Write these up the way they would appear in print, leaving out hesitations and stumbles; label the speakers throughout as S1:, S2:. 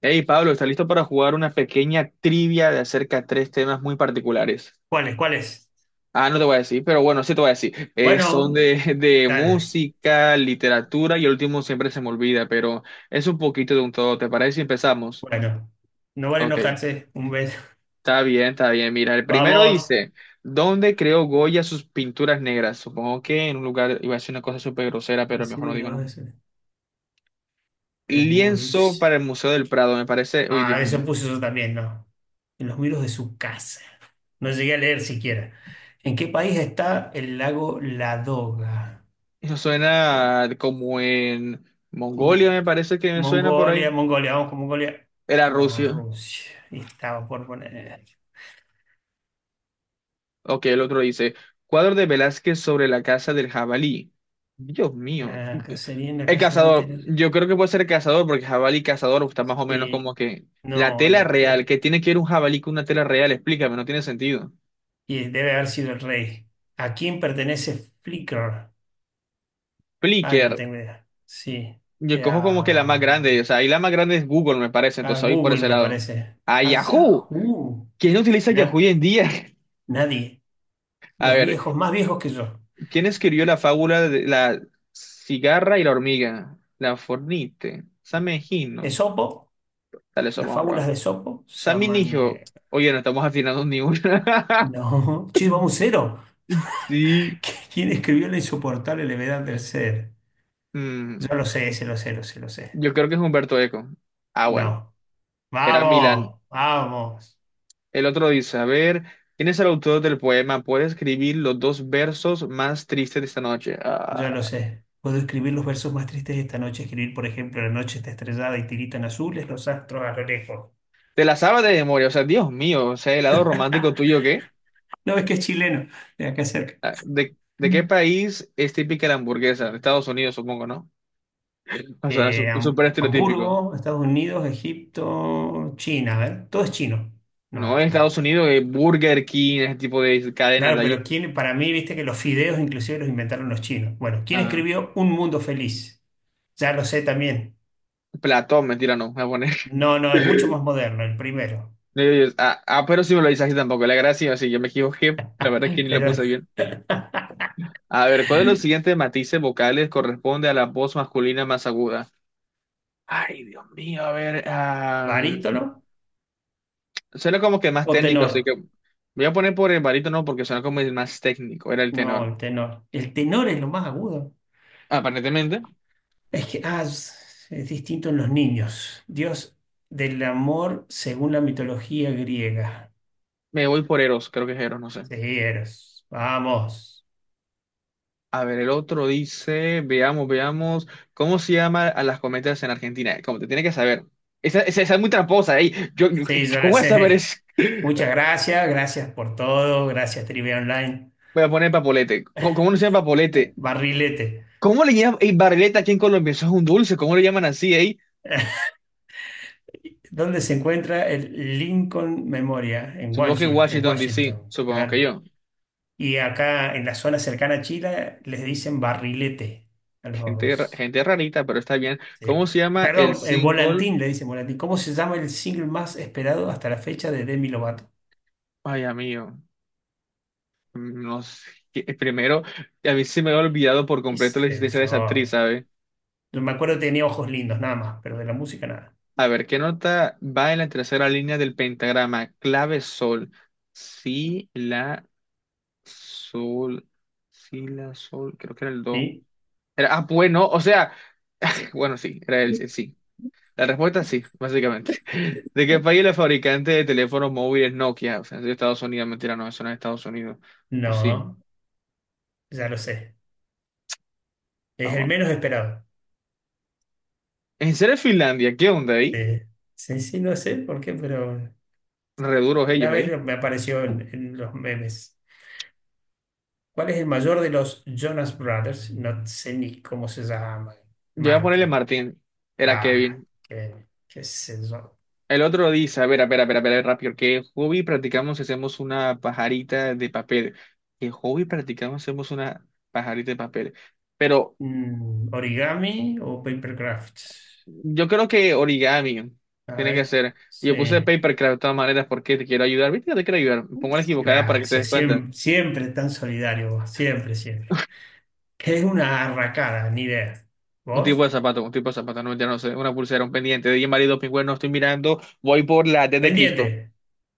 S1: Hey Pablo, ¿estás listo para jugar una pequeña trivia de acerca de tres temas muy particulares?
S2: ¿Cuáles? ¿Cuáles?
S1: Ah, no te voy a decir, pero bueno, sí te voy a decir. Son
S2: Bueno,
S1: de
S2: dale.
S1: música, literatura y el último siempre se me olvida, pero es un poquito de un todo. ¿Te parece si empezamos?
S2: Bueno, no vale
S1: Ok,
S2: enojarse. Un beso.
S1: está bien, está bien. Mira, el primero
S2: Vamos.
S1: dice, ¿dónde creó Goya sus pinturas negras? Supongo que en un lugar, iba a decir una cosa súper grosera, pero mejor no
S2: Sí,
S1: digo
S2: no,
S1: no.
S2: eso. el
S1: Lienzo
S2: mus-
S1: para el Museo del Prado, me parece. Uy, Dios
S2: Ah,
S1: mío.
S2: eso puso eso también, ¿no? En los muros de su casa. No llegué a leer siquiera. ¿En qué país está el lago Ladoga?
S1: Eso suena como en
S2: Mm,
S1: Mongolia, me parece que me suena por
S2: Mongolia,
S1: ahí.
S2: Mongolia, vamos con Mongolia.
S1: Era
S2: No,
S1: Rusia.
S2: Rusia. Estaba por poner.
S1: Ok, el otro dice, cuadro de Velázquez sobre la casa del jabalí. Dios mío.
S2: La cacería en la
S1: El
S2: casa de la
S1: cazador,
S2: materia.
S1: yo creo que puede ser el cazador, porque jabalí y cazador está más o menos
S2: Sí,
S1: como que la
S2: no,
S1: tela
S2: la.
S1: real, que tiene que ir un jabalí con una tela real, explícame, no tiene sentido.
S2: Y debe haber sido el rey. ¿A quién pertenece Flickr? Ay, no
S1: Flickr,
S2: tengo idea. Sí.
S1: yo
S2: Eh,
S1: cojo como que la más
S2: A,
S1: grande, o sea, ahí la más grande es Google, me parece,
S2: a
S1: entonces ahí por
S2: Google,
S1: ese
S2: me
S1: lado.
S2: parece.
S1: ¡A
S2: A
S1: Yahoo!
S2: Yahoo.
S1: ¿Quién no utiliza Yahoo
S2: Na-
S1: hoy en día?
S2: nadie.
S1: A
S2: Los
S1: ver,
S2: viejos, más viejos que yo.
S1: ¿quién escribió la fábula de la cigarra y la hormiga? La Fornite. Sammy Hino.
S2: Esopo,
S1: Dale, eso
S2: las
S1: vamos a probar.
S2: fábulas de Esopo.
S1: Sammy Nigio.
S2: Samaniego.
S1: Oye, no estamos afinando ni una.
S2: No. Che, vamos cero.
S1: Sí.
S2: ¿Quién escribió La insoportable levedad del ser?
S1: Mm,
S2: Yo lo sé, se lo sé, lo sé, lo sé.
S1: yo creo que es Humberto Eco. Ah, bueno.
S2: No.
S1: Era Milán.
S2: Vamos, vamos.
S1: El otro dice, a ver, ¿quién es el autor del poema? ¿Puede escribir los dos versos más tristes de esta noche?
S2: Ya lo
S1: Ah,
S2: sé. Puedo escribir los versos más tristes de esta noche, escribir, por ejemplo, la noche está estrellada y tiritan azules los astros a lo lejos.
S1: te la sabes de memoria. O sea, Dios mío. O sea, el lado romántico tuyo, ¿qué?
S2: No ves que es chileno, de acá cerca.
S1: Ah, ¿De qué
S2: Mm.
S1: país es típica la hamburguesa? De Estados Unidos, supongo, ¿no? O sea, es súper estereotípico.
S2: Hamburgo, Estados Unidos, Egipto, China, a ver, todo es chino. No,
S1: No, en
S2: esto-
S1: Estados Unidos es Burger King, ese tipo de cadenas de
S2: claro,
S1: allí.
S2: pero quién, para mí, viste que los fideos inclusive los inventaron los chinos. Bueno, ¿quién
S1: Ah,
S2: escribió Un Mundo Feliz? Ya lo sé también.
S1: Platón, mentira, no, voy a poner.
S2: No, no, es mucho más moderno, el primero.
S1: No, pero sí me lo dice así tampoco. La gracia, sí, yo me equivoqué. La verdad es que ni lo
S2: Pero
S1: puse bien. A ver, ¿cuál de los siguientes matices vocales corresponde a la voz masculina más aguda? Ay, Dios mío, a ver.
S2: barítono
S1: Suena como que más
S2: o
S1: técnico, así que
S2: tenor.
S1: voy a poner por el barítono porque suena como el más técnico, era el
S2: No,
S1: tenor.
S2: el tenor. El tenor es lo más agudo.
S1: Aparentemente,
S2: Es que es distinto en los niños. Dios del amor según la mitología griega.
S1: me voy por Eros, creo que es Eros, no sé.
S2: Sí, Eros. Vamos.
S1: A ver, el otro dice, veamos, veamos, ¿cómo se llama a las cometas en Argentina? Como te tiene que saber. Esa es muy tramposa, ey.
S2: Sí, yo
S1: ¿Cómo
S2: la
S1: voy a saber
S2: sé.
S1: es?
S2: Muchas gracias. Gracias por todo. Gracias, Trivia Online.
S1: Voy a poner papolete. ¿Cómo, cómo no se llama papolete?
S2: Barrilete.
S1: ¿Cómo le llaman, ey, barrilete aquí en Colombia? Eso es un dulce, ¿cómo le llaman así, ey?
S2: ¿Dónde se encuentra el Lincoln Memorial?
S1: Supongo que
S2: En
S1: Washington, D.C.,
S2: Washington,
S1: supongo que
S2: claro.
S1: yo.
S2: Y acá en la zona cercana a Chile les dicen barrilete a
S1: Gente,
S2: los.
S1: gente rarita, pero está bien. ¿Cómo
S2: Sí.
S1: se llama el
S2: Perdón,
S1: single?
S2: Volantín, le dicen Volantín. ¿Cómo se llama el single más esperado hasta la fecha de Demi Lovato?
S1: Ay, amigo. No sé. Primero, a mí se me había olvidado por
S2: ¿Qué
S1: completo
S2: es
S1: la existencia de esa actriz,
S2: eso?
S1: ¿sabes?
S2: Yo me acuerdo que tenía ojos lindos, nada más, pero de la música nada.
S1: A ver, ¿qué nota va en la tercera línea del pentagrama? Clave sol. Si, la, sol. Si, la, sol. Creo que era el do.
S2: ¿Sí?
S1: Era, ah, bueno, o sea. Bueno, sí, era el sí. La respuesta sí, básicamente. ¿De qué país es la fabricante de teléfonos móviles Nokia? O sea, es de Estados Unidos, mentira, no, eso no es Estados Unidos. O sí.
S2: No, ya lo sé.
S1: Ah,
S2: Es el
S1: va.
S2: menos esperado.
S1: ¿En serio es Finlandia? ¿Qué onda ahí?
S2: Sí, sí, sí, no sé por qué, pero
S1: Reduros
S2: una
S1: ellos,
S2: vez
S1: ¿eh?
S2: me apareció en los memes. ¿Cuál es el mayor de los Jonas Brothers? No sé ni cómo se llama.
S1: Yo voy a ponerle
S2: Martin.
S1: Martín. Era
S2: Ah,
S1: Kevin.
S2: qué, qué sé yo.
S1: El otro dice, a ver, a ver, a ver, a ver, rápido, ¿qué hobby practicamos si hacemos una pajarita de papel? ¿Qué hobby practicamos si hacemos una pajarita de papel? Pero
S2: Mm, origami o papercraft.
S1: yo creo que origami
S2: A
S1: tiene que
S2: ver.
S1: ser. Yo puse
S2: Sí.
S1: papercraft de todas maneras porque te quiero ayudar. ¿Viste? Te quiero ayudar. Pongo la equivocada para que te
S2: Gracias.
S1: des cuenta.
S2: Siempre, siempre tan solidario vos. Siempre, siempre. Que es una arracada, ni idea.
S1: Un tipo
S2: ¿Vos?
S1: de zapato, un tipo de zapato, no mentira, no sé, una pulsera, un pendiente, de marido, pingüino, estoy mirando, voy por la T de Cristo.
S2: Pendiente.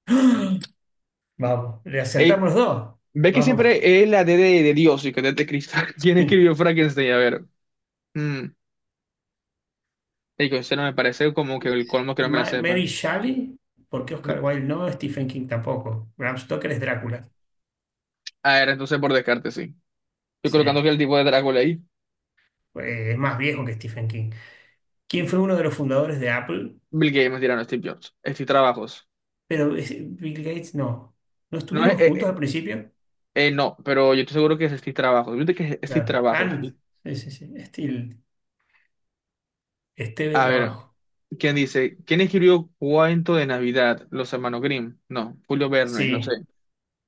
S2: Vamos. Le
S1: Ey,
S2: acertamos los dos.
S1: Ve que
S2: Vamos.
S1: siempre es la D de Dios y que D de Cristo. ¿Quién escribió Frankenstein? A ver. Mm. Digo, ese no me parece como que el colmo que no me la
S2: Mary
S1: sepan.
S2: Shelley. Porque
S1: No.
S2: Oscar Wilde no. Stephen King tampoco. Bram Stoker es Drácula.
S1: A ver, entonces por descarte, sí. Estoy
S2: Sí.
S1: colocando que el tipo de Drácula ahí.
S2: Es más viejo que Stephen King. ¿Quién fue uno de los fundadores de Apple?
S1: Bill Gates, mentira, no, Steve Jobs. Steve Trabajos.
S2: Bill Gates no. ¿No
S1: No,
S2: estuvieron juntos al principio?
S1: no, pero yo estoy seguro que es Steve Trabajos. Viste que es Steve
S2: Claro. Ah,
S1: Trabajos.
S2: no, sí, sí, sí. Esteve
S1: A ver,
S2: Trabajo.
S1: ¿quién dice? ¿Quién escribió Cuento de Navidad? Los hermanos Grimm. No, Julio Verne, no sé.
S2: Sí.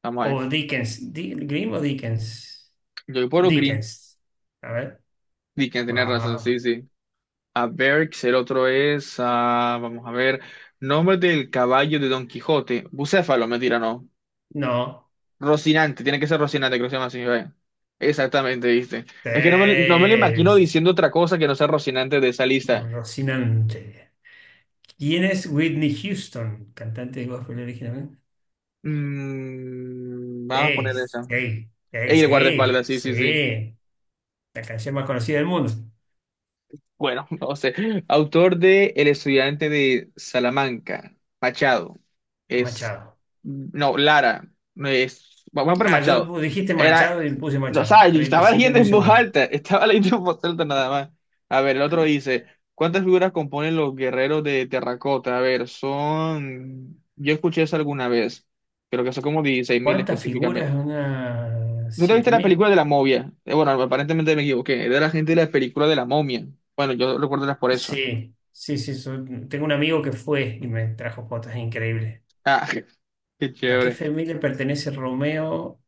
S1: Vamos a ver.
S2: O Dickens. ¿Grimm o Dickens?
S1: Yo voy por los Grimm.
S2: Dickens. A ver.
S1: Dickens, tenés razón, sí,
S2: Vamos.
S1: sí. a Berks, el otro es, ah, vamos a ver, nombre del caballo de Don Quijote, Bucéfalo, mentira, no,
S2: No.
S1: Rocinante, tiene que ser Rocinante, creo que se llama así, ve. Exactamente, viste. Es que no me, no me lo imagino
S2: Sí.
S1: diciendo otra cosa que no sea Rocinante de esa lista.
S2: Rocinante. ¿Quién es Whitney Houston? Cantante de gospel originalmente.
S1: Mm, vamos a
S2: Sí,
S1: poner esa.
S2: sí, sí,
S1: Ey, el
S2: sí,
S1: guardaespaldas, sí, sí, sí.
S2: sí. La canción más conocida del mundo.
S1: Bueno, no sé. Autor de El estudiante de Salamanca, Machado.
S2: Machado.
S1: No, Lara. No Es, vamos por
S2: Ah,
S1: Machado.
S2: yo dijiste
S1: Era.
S2: Machado y puse
S1: No, o
S2: Machado.
S1: sea, yo
S2: Creí, te
S1: estaba
S2: sentí
S1: leyendo
S2: muy
S1: en voz
S2: seguro.
S1: alta. Estaba leyendo en voz alta nada más. A ver, el otro dice: ¿Cuántas figuras componen los guerreros de terracota? A ver, son. Yo escuché eso alguna vez. Creo que son como 16.000
S2: ¿Cuántas figuras?
S1: específicamente.
S2: Unas
S1: ¿Tú te viste
S2: siete
S1: la
S2: mil.
S1: película de la momia? Bueno, aparentemente me equivoqué. Era la gente de la película de la momia. Bueno, yo recuerdo las por eso.
S2: Sí, sí, sí. Tengo un amigo que fue y me trajo fotos increíbles.
S1: Ah, qué
S2: ¿A qué
S1: chévere.
S2: familia pertenece Romeo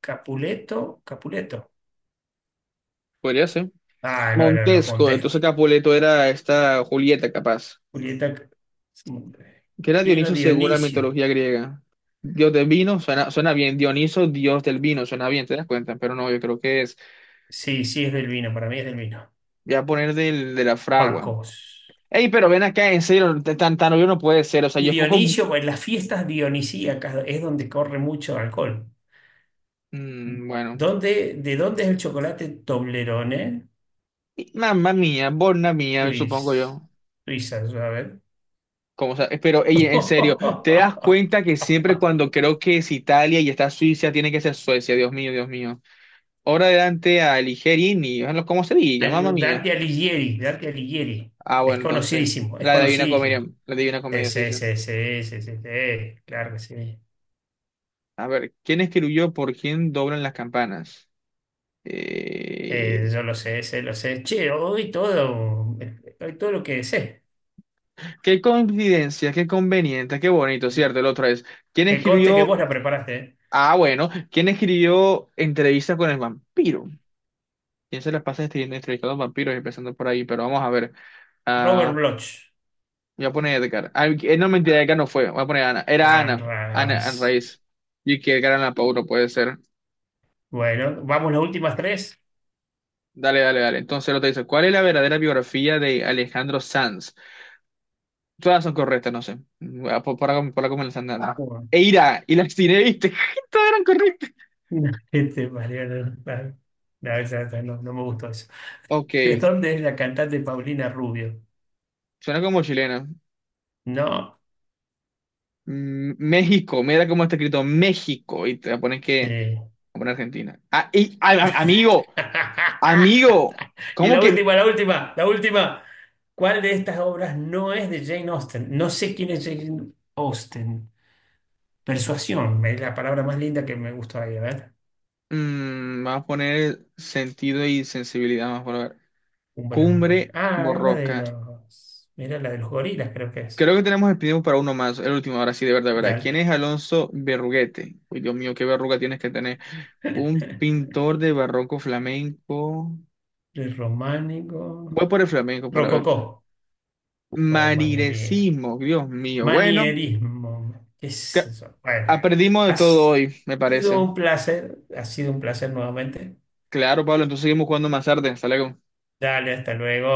S2: Capuleto? Capuleto.
S1: Podría ser.
S2: Ah, no, eran los
S1: Montesco,
S2: Montesco.
S1: entonces Capuleto era esta Julieta, capaz.
S2: Julieta.
S1: Que era
S2: ¿Quién era
S1: Dioniso según la
S2: Dionisio?
S1: mitología griega. Dios del vino suena, suena bien. Dioniso, dios del vino, suena bien, ¿te das cuenta? Pero no, yo creo que es.
S2: Sí, sí, es del vino, para mí es del vino.
S1: Voy a poner del, de la fragua.
S2: Bacos.
S1: Ey, pero ven acá, en serio, tan obvio no puede ser. O sea,
S2: Y
S1: yo escojo.
S2: Dionisio, pues las fiestas dionisíacas es donde corre mucho alcohol.
S1: Mm, bueno.
S2: ¿Dónde, de dónde es el chocolate Toblerone?
S1: Y Mamma mía, borna mía, supongo
S2: Suiz-
S1: yo.
S2: Suiza, a ver.
S1: Como, sea, pero, ey, en serio, ¿te das cuenta que siempre cuando creo que es Italia y está Suiza, tiene que ser Suecia? Dios mío, Dios mío. Ahora adelante a Ligerini, ¿cómo se diga? Mamma mía.
S2: Dante Alighieri, Dante Alighieri.
S1: Ah,
S2: Es
S1: bueno, entonces,
S2: conocidísimo, es
S1: la de Divina Comedia,
S2: conocidísimo.
S1: la de Divina
S2: Sí,
S1: Comedia sí
S2: sí,
S1: sé.
S2: sí, sí, sí, sí, sí, claro que sí.
S1: A ver, ¿quién escribió por quién doblan las campanas? Eh,
S2: Yo lo sé, sé, lo sé. Che, hoy todo lo que sé.
S1: qué coincidencia, qué conveniente, qué bonito, ¿cierto? El otro es, ¿quién
S2: Que conste que
S1: escribió?
S2: vos la preparaste, ¿eh?
S1: Ah, bueno, ¿quién escribió Entrevista con el vampiro? ¿Quién se la pasa escribiendo entrevistando a vampiros empezando por ahí? Pero vamos a ver.
S2: Robert
S1: Ah,
S2: Bloch.
S1: voy a poner Edgar. Ah, no, mentira, Edgar no fue. Voy a poner Ana. Era Ana. Ana, Ana
S2: Sunrise.
S1: Raíz. Y que Edgar Allan Poe no puede ser.
S2: Bueno, vamos las últimas tres.
S1: Dale, dale, dale. Entonces lo te dice, ¿cuál es la verdadera biografía de Alejandro Sanz? Todas son correctas, no sé. Ah, por, por acá me las han dado. Ah. Eira, y las tiré, ¿viste? Todas eran correctas.
S2: No, Este, Mariano, no, no, ya está, no me gustó eso.
S1: Ok,
S2: ¿De dónde es la cantante Paulina Rubio?
S1: suena como chilena.
S2: No,
S1: Mm, México, mira cómo está escrito México, y te la pones que,
S2: sí.
S1: a poner Argentina. Ah, amigo, amigo,
S2: Y
S1: ¿cómo
S2: la
S1: que?
S2: última, la última, la última. ¿Cuál de estas obras no es de Jane Austen? No sé quién es Jane Austen. Persuasión, es la palabra más linda que me gustó ahí, a ver.
S1: Mm, vamos a poner sentido y sensibilidad, vamos a ver.
S2: Un buen amor.
S1: Cumbre
S2: Ah, es la de
S1: borroca.
S2: los. Mira, la de los gorilas, creo que es.
S1: Creo que tenemos el tiempo para uno más, el último, ahora sí, de verdad, de verdad. ¿Quién
S2: Dale.
S1: es Alonso Berruguete? Uy, Dios mío, qué verruga tienes que tener. Un pintor de barroco flamenco.
S2: El románico.
S1: Voy por el flamenco para ver.
S2: Rococó. Oh, maniería.
S1: Marirecismo, Dios mío. Bueno,
S2: Manierismo. ¿Qué es
S1: que-
S2: eso? Bueno,
S1: aprendimos de
S2: ha
S1: todo hoy, me
S2: sido
S1: parece.
S2: un placer, ha sido un placer nuevamente.
S1: Claro, Pablo, entonces seguimos jugando más tarde. Hasta luego.
S2: Dale, hasta luego.